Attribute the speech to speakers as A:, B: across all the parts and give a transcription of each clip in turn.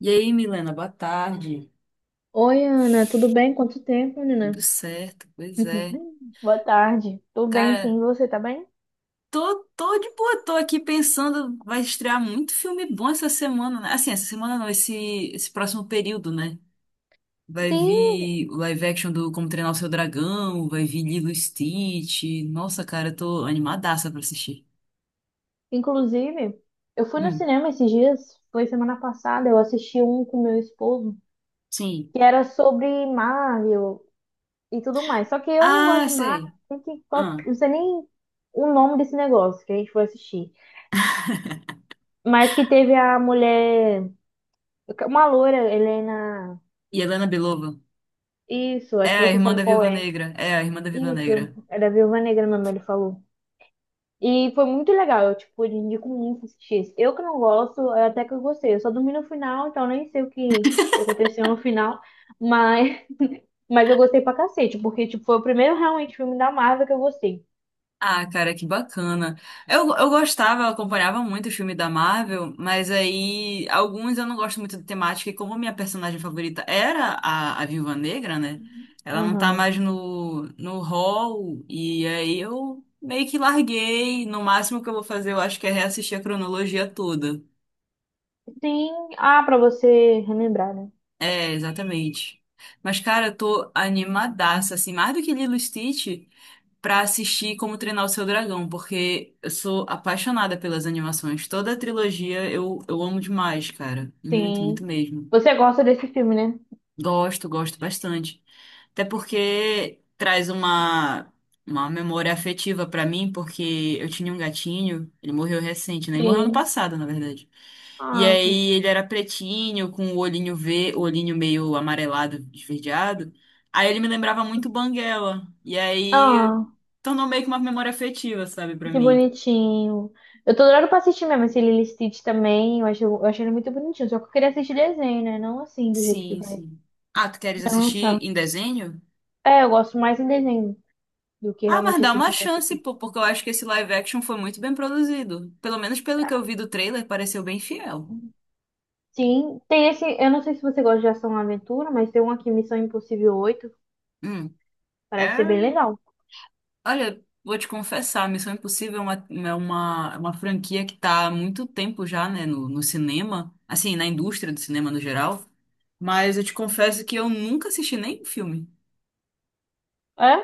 A: E aí, Milena, boa tarde.
B: Oi, Ana, tudo bem? Quanto tempo,
A: Tudo
B: menina?
A: certo, pois é.
B: Boa tarde. Tô bem,
A: Cara,
B: sim. Você tá bem?
A: tô de boa, tô aqui pensando, vai estrear muito filme bom essa semana, né? Assim, essa semana não, esse próximo período, né? Vai
B: Sim,
A: vir o live action do Como Treinar o Seu Dragão, vai vir Lilo e Stitch. Nossa, cara, eu tô animadaça pra assistir.
B: inclusive, eu fui no
A: Hum,
B: cinema esses dias, foi semana passada, eu assisti um com meu esposo,
A: sim.
B: que era sobre Marvel e tudo mais. Só que eu não gosto
A: Ah,
B: de Marvel,
A: sei.
B: nem que- qual-
A: Ah,
B: não sei nem o nome desse negócio que a gente foi assistir. Mas que teve a mulher, uma loira, Helena.
A: e Helena Belova.
B: Isso,
A: É
B: acho que
A: a
B: você
A: irmã
B: sabe
A: da
B: qual
A: Viúva
B: é.
A: Negra. É a irmã da Viúva Negra.
B: Isso, é da Viúva Negra, minha mãe falou. E foi muito legal, eu, tipo, eu indico muito assistir esse. Eu que não gosto, é até que eu gostei. Eu só dormi no final, então nem sei o que aconteceu no final. Mas, mas eu gostei pra cacete, porque, tipo, foi o primeiro realmente filme da Marvel que eu gostei.
A: Ah, cara, que bacana. Eu gostava, eu acompanhava muito o filme da Marvel, mas aí alguns eu não gosto muito da temática, e como a minha personagem favorita era a Viúva Negra, né? Ela não tá
B: Uhum.
A: mais no, no hall, e aí eu meio que larguei. No máximo que eu vou fazer, eu acho que é reassistir a cronologia toda.
B: Sim, ah, pra você relembrar, né?
A: É, exatamente. Mas, cara, eu tô animadaça, assim, mais do que Lilo e Stitch, pra assistir Como Treinar o Seu Dragão, porque eu sou apaixonada pelas animações. Toda a trilogia eu amo demais, cara. Muito, muito
B: Sim.
A: mesmo.
B: Você gosta desse filme, né?
A: Gosto, gosto bastante. Até porque traz uma memória afetiva pra mim, porque eu tinha um gatinho, ele morreu recente, né? Ele morreu ano
B: Sim.
A: passado, na verdade. E
B: Ah,
A: aí ele era pretinho, com o olhinho ve, o olhinho meio amarelado, esverdeado. Aí ele me lembrava muito Banguela. E aí
B: ah,
A: tornou meio que uma memória afetiva, sabe, pra
B: que
A: mim.
B: bonitinho. Eu tô adorando pra assistir mesmo esse Lilo e Stitch também. Eu achei ele muito bonitinho, só que eu queria assistir desenho, né? Não assim, do jeito que
A: Sim,
B: vai.
A: sim. Ah, tu queres
B: Não,
A: assistir em desenho?
B: é, eu gosto mais em desenho do que
A: Ah, mas
B: realmente
A: dá
B: esse
A: uma
B: boneco.
A: chance,
B: assim.
A: pô, porque eu acho que esse live action foi muito bem produzido. Pelo menos pelo que eu vi do trailer, pareceu bem fiel.
B: Sim, tem esse. Eu não sei se você gosta de ação e aventura, mas tem um aqui, Missão Impossível 8.
A: Hum.
B: Parece ser bem
A: É.
B: legal.
A: Olha, vou te confessar, Missão Impossível é uma, é uma franquia que tá há muito tempo já, né, no, no cinema, assim, na indústria do cinema no geral. Mas eu te confesso que eu nunca assisti nenhum filme.
B: É?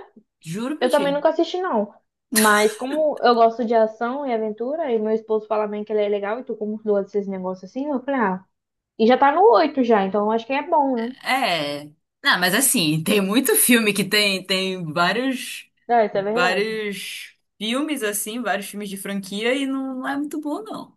A: Juro pra
B: Eu
A: ti.
B: também nunca assisti, não. Mas como eu gosto de ação e aventura, e meu esposo fala bem que ele é legal, e tu como gosta desses negócios assim, eu falei, ah, e já tá no 8 já, então eu acho que é bom, né?
A: É. Não, mas assim, tem muito filme que tem, tem vários,
B: É, isso é verdade.
A: vários filmes, assim, vários filmes de franquia e não, não é muito bom, não.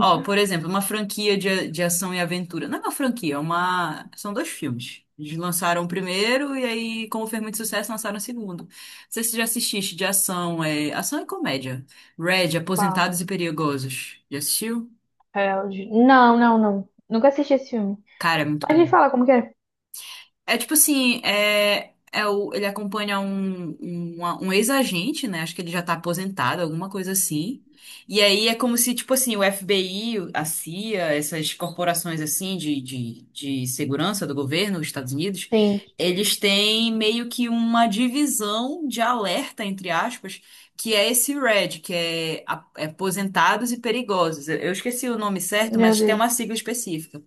A: Ó, por exemplo, uma franquia de, a- de ação e aventura. Não é uma franquia, é uma... São dois filmes. Eles lançaram o primeiro e aí, como fez muito sucesso, lançaram o segundo. Não sei se você já assististe de ação, é... Ação e comédia. Red,
B: Pá.
A: Aposentados e Perigosos. Já assistiu?
B: É, não, não, não. Nunca assisti esse filme.
A: Cara, é muito
B: Mas me
A: bom.
B: fala como que é.
A: É tipo assim, é, é o, ele acompanha um ex-agente, né? Acho que ele já tá aposentado, alguma coisa assim. E aí é como se, tipo assim, o FBI, a CIA, essas corporações assim de segurança do governo dos Estados Unidos,
B: Sim,
A: eles têm meio que uma divisão de alerta, entre aspas, que é esse RED, que é a- é aposentados e perigosos. Eu esqueci o nome certo,
B: meu
A: mas tem uma
B: Deus.
A: sigla específica.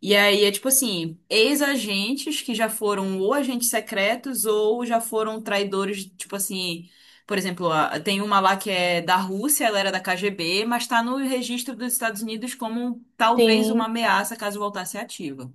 A: E aí é tipo assim, ex-agentes que já foram ou agentes secretos ou já foram traidores, tipo assim, por exemplo, a- tem uma lá que é da Rússia, ela era da KGB, mas tá no registro dos Estados Unidos como talvez
B: Sim,
A: uma ameaça caso voltasse ativa.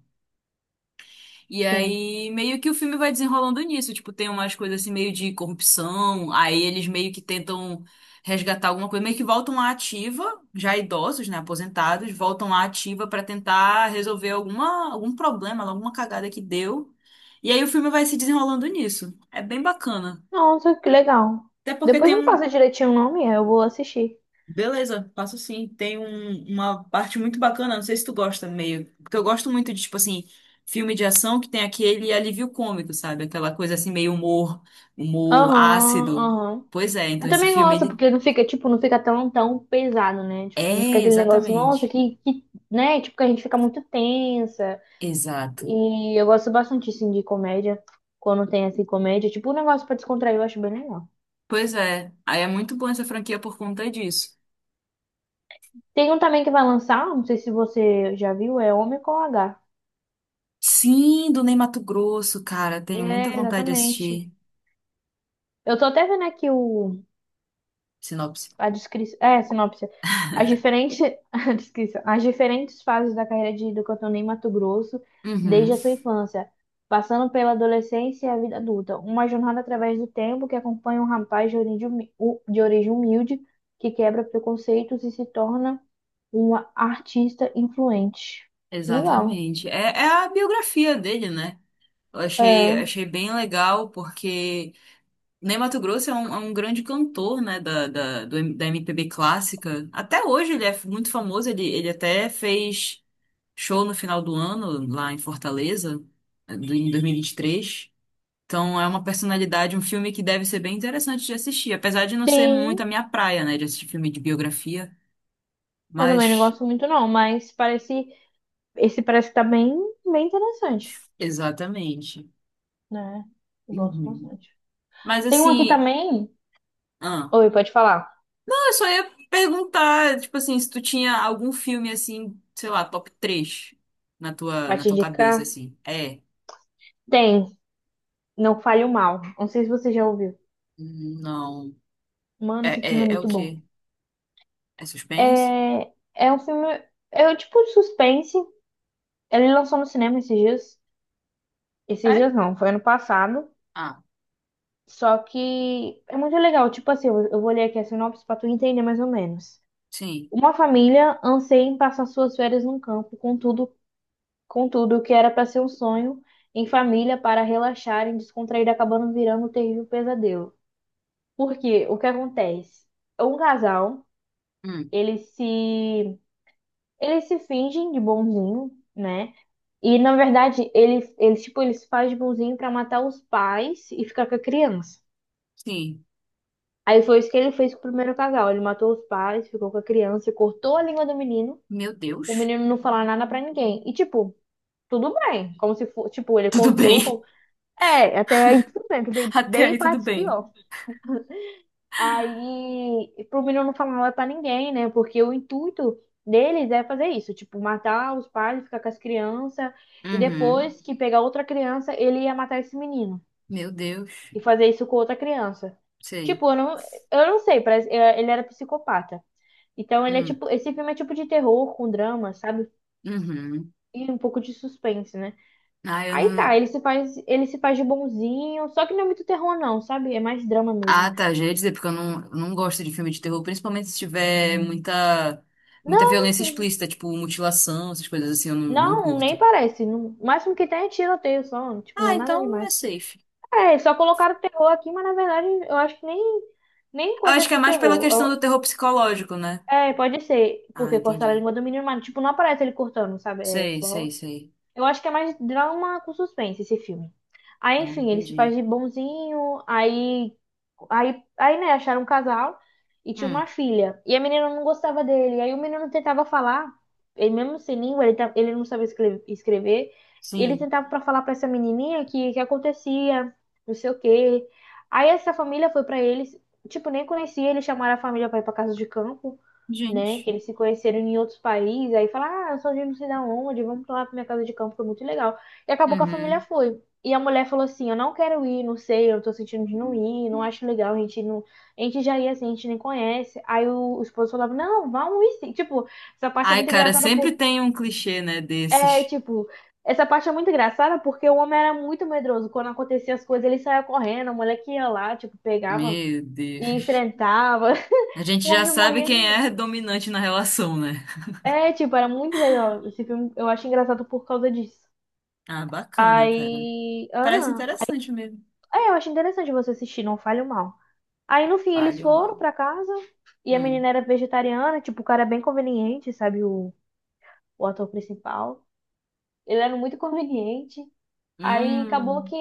A: E
B: sim.
A: aí, meio que o filme vai desenrolando nisso. Tipo, tem umas coisas assim, meio de corrupção. Aí eles meio que tentam resgatar alguma coisa. Meio que voltam à ativa, já idosos, né? Aposentados, voltam à ativa pra tentar resolver alguma, algum problema, alguma cagada que deu. E aí o filme vai se desenrolando nisso. É bem bacana.
B: Nossa, que legal.
A: Até porque
B: Depois
A: tem
B: me
A: um,
B: passa direitinho o nome, eu vou assistir.
A: Beleza, passo sim. Tem um- uma parte muito bacana, não sei se tu gosta meio, porque eu gosto muito de, tipo assim, filme de ação que tem aquele alívio cômico, sabe? Aquela coisa assim, meio humor, humor
B: Aham,
A: ácido.
B: aham.
A: Pois é,
B: Eu
A: então esse
B: também
A: filme,
B: gosto,
A: ele...
B: porque não fica, tipo, não fica tão, tão pesado, né? Tipo, não fica
A: É,
B: aquele negócio, nossa,
A: exatamente.
B: né? Tipo, que a gente fica muito tensa.
A: Exato.
B: E eu gosto bastante, assim, de comédia. Quando tem, assim, comédia. Tipo, um negócio pra descontrair, eu acho bem legal.
A: Pois é, aí é muito bom essa franquia por conta disso.
B: Tem um também que vai lançar, não sei se você já viu, é Homem com H.
A: Sim, do Ney Matogrosso, cara, tenho muita
B: É,
A: vontade de
B: exatamente.
A: assistir.
B: Eu tô até vendo aqui o
A: Sinopse.
B: a descrição, é, sinopse. As diferentes, a descrição, as diferentes fases da carreira de, do cantor em Mato Grosso
A: Uhum,
B: desde a sua infância, passando pela adolescência e a vida adulta. Uma jornada através do tempo que acompanha um rapaz de origem, de origem humilde que quebra preconceitos e se torna uma artista influente. Legal.
A: exatamente. É, é a biografia dele, né? Eu achei,
B: É.
A: achei bem legal, porque Ney Matogrosso é um grande cantor, né, da, da, do M- da MPB clássica. Até hoje ele é f- muito famoso, ele até fez show no final do ano, lá em Fortaleza, eh, do- em 2023. Então é uma personalidade, um filme que deve ser bem interessante de assistir, apesar de não ser
B: Sim,
A: muito a minha praia, né, de assistir filme de biografia.
B: eu também não
A: Mas,
B: gosto muito não, mas parece, esse parece que tá bem, bem interessante,
A: exatamente.
B: né? Eu gosto
A: Uhum.
B: bastante.
A: Mas
B: Tem um aqui
A: assim.
B: também.
A: Ah.
B: Oi, pode falar.
A: Eu só ia perguntar, tipo assim, se tu tinha algum filme assim, sei lá, top 3
B: Vai
A: na
B: te
A: tua cabeça,
B: indicar?
A: assim. É?
B: Tem. Não Fale o Mal. Não sei se você já ouviu.
A: Não.
B: Mano, esse
A: É,
B: filme é
A: é o
B: muito bom.
A: quê? É suspense?
B: É, é um filme. É um tipo de suspense. Ele lançou no cinema esses dias. Esses
A: É?
B: dias não, foi ano passado.
A: Ah,
B: Só que é muito legal. Tipo assim, eu vou ler aqui a sinopse pra tu entender mais ou menos.
A: sim.
B: Uma família anseia em passar suas férias num campo, contudo, o que era para ser um sonho em família para relaxar e descontrair acabando virando um terrível pesadelo. Porque o que acontece? Um casal,
A: Hum,
B: eles se eles se fingem de bonzinho, né? E na verdade, ele, eles tipo, eles se fazem de bonzinho pra matar os pais e ficar com a criança.
A: sim.
B: Aí foi isso que ele fez com o primeiro casal. Ele matou os pais, ficou com a criança, cortou a língua do menino.
A: Meu
B: O
A: Deus.
B: menino não falar nada pra ninguém. E tipo, tudo bem, como se fosse, tipo, ele
A: Tudo
B: cortou,
A: bem.
B: como... É, até aí tudo bem, que tem
A: Até
B: bem
A: aí tudo
B: partes
A: bem.
B: pior. Aí, pro menino não falar nada pra ninguém, né? Porque o intuito deles é fazer isso, tipo, matar os pais, ficar com as crianças, e
A: Uhum.
B: depois que pegar outra criança, ele ia matar esse menino
A: Meu Deus.
B: e fazer isso com outra criança.
A: Sei.
B: Tipo, eu não sei, parece, é, ele era psicopata. Então, ele é
A: Hum.
B: tipo, esse filme é tipo de terror com drama, sabe?
A: Uhum.
B: E um pouco de suspense, né?
A: Ah, eu
B: Aí tá,
A: não.
B: ele se faz de bonzinho, só que não é muito terror não, sabe? É mais drama mesmo.
A: Ah, tá. Já ia dizer, porque eu não, não gosto de filme de terror, principalmente se tiver muita, muita violência
B: Não
A: explícita, tipo mutilação, essas coisas assim, eu não, não
B: Não, nem
A: curto.
B: parece. O máximo que tem é tiroteio só. Tipo, não
A: Ah,
B: é nada
A: então é
B: demais.
A: safe.
B: É, só colocaram terror aqui, mas na verdade eu acho que nem
A: Eu
B: coisa
A: acho que é
B: de
A: mais pela questão do
B: terror.
A: terror psicológico, né?
B: É, pode ser,
A: Ah,
B: porque cortaram a
A: entendi.
B: língua do menino, mas tipo, não aparece ele cortando, sabe? É
A: Sei,
B: só.
A: sei, sei.
B: Eu acho que é mais drama com suspense esse filme.
A: Ah,
B: Aí, enfim, ele se faz
A: entendi.
B: de bonzinho, aí, né, acharam um casal e tinha uma
A: Hum,
B: filha. E a menina não gostava dele. Aí o menino tentava falar, ele mesmo sem língua, ele, ele não sabia escrever. Ele
A: sim.
B: tentava para falar para essa menininha que acontecia, não sei o quê. Aí essa família foi para eles, tipo, nem conhecia, eles chamaram a família para ir para casa de campo, né? Que
A: Gente.
B: eles se conheceram em outros países, aí fala, ah, eu sou de não sei da onde, vamos pra lá pra minha casa de campo, foi muito legal. E acabou que a família
A: Uhum.
B: foi. E a mulher falou assim, eu não quero ir, não sei, eu tô sentindo de não ir, não acho legal, a gente não. A gente já ia assim, a gente nem conhece. Aí o esposo falava, não, vamos ir sim. Tipo, essa parte é
A: Ai,
B: muito
A: cara,
B: engraçada
A: sempre
B: por.
A: tem um clichê, né,
B: É,
A: desses.
B: tipo, essa parte é muito engraçada porque o homem era muito medroso. Quando acontecia as coisas, ele saía correndo, a mulher que ia lá, tipo, pegava
A: Meu
B: e
A: Deus.
B: enfrentava.
A: A gente
B: O
A: já
B: homem
A: sabe
B: morria de
A: quem é dominante na relação, né?
B: é, tipo, era muito legal. Esse filme eu acho engraçado por causa disso.
A: Ah, bacana, cara.
B: Aí.
A: Parece
B: Ah,
A: interessante mesmo.
B: é, eu acho interessante você assistir, não falho mal. Aí no fim eles
A: Palho
B: foram
A: mal.
B: pra casa e a menina
A: Hum.
B: era vegetariana, tipo, o cara é bem conveniente, sabe? O ator principal. Ele era muito conveniente. Aí acabou
A: Hum.
B: que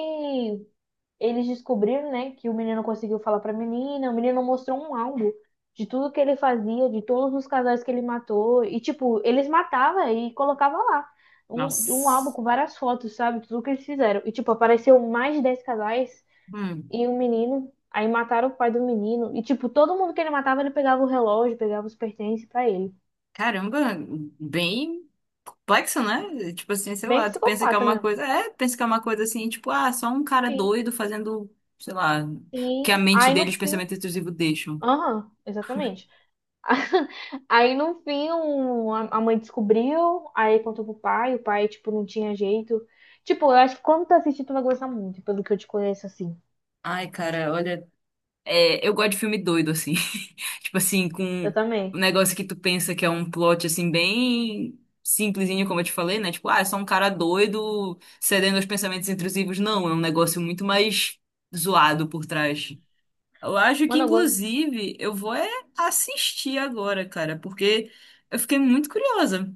B: eles descobriram, né, que o menino conseguiu falar pra menina, o menino mostrou um álbum de tudo que ele fazia, de todos os casais que ele matou, e tipo, eles matavam e colocavam lá. Um álbum
A: Nossa.
B: com várias fotos, sabe? Tudo que eles fizeram. E, tipo, apareceu mais de 10 casais
A: Hum.
B: e um menino. Aí mataram o pai do menino. E, tipo, todo mundo que ele matava, ele pegava o relógio, pegava os pertences pra ele.
A: Caramba, bem complexo, né? Tipo assim, sei
B: Bem
A: lá, tu pensa que é
B: psicopata
A: uma
B: mesmo.
A: coisa. É, pensa que é uma coisa assim, tipo, ah, só um cara
B: Sim,
A: doido fazendo, sei lá, o que a
B: sim.
A: mente
B: Aí
A: dele,
B: no
A: e os
B: fim.
A: pensamentos intrusivos deixam.
B: Aham, exatamente. Aí no fim a mãe descobriu, aí contou pro pai, o pai, tipo, não tinha jeito. Tipo, eu acho que quando tu assistir, tu vai gostar muito, pelo que eu te conheço assim.
A: Ai, cara, olha. É, eu gosto de filme doido, assim. Tipo assim, com
B: Eu
A: um
B: também.
A: negócio que tu pensa que é um plot, assim, bem simplesinho, como eu te falei, né? Tipo, ah, é só um cara doido cedendo aos pensamentos intrusivos. Não, é um negócio muito mais zoado por trás. Eu acho que,
B: Mano, eu gosto.
A: inclusive, eu vou é assistir agora, cara, porque eu fiquei muito curiosa.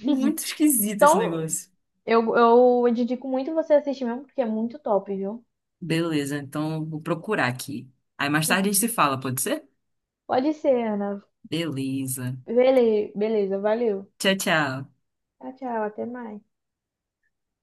A: Muito esquisito esse
B: Então,
A: negócio.
B: eu indico muito você assistir mesmo, porque é muito top, viu?
A: Beleza, então eu vou procurar aqui. Aí mais tarde a gente se fala, pode ser?
B: Pode ser, Ana.
A: Beleza.
B: Beleza, valeu.
A: Tchau, tchau.
B: Tchau, tchau, até mais.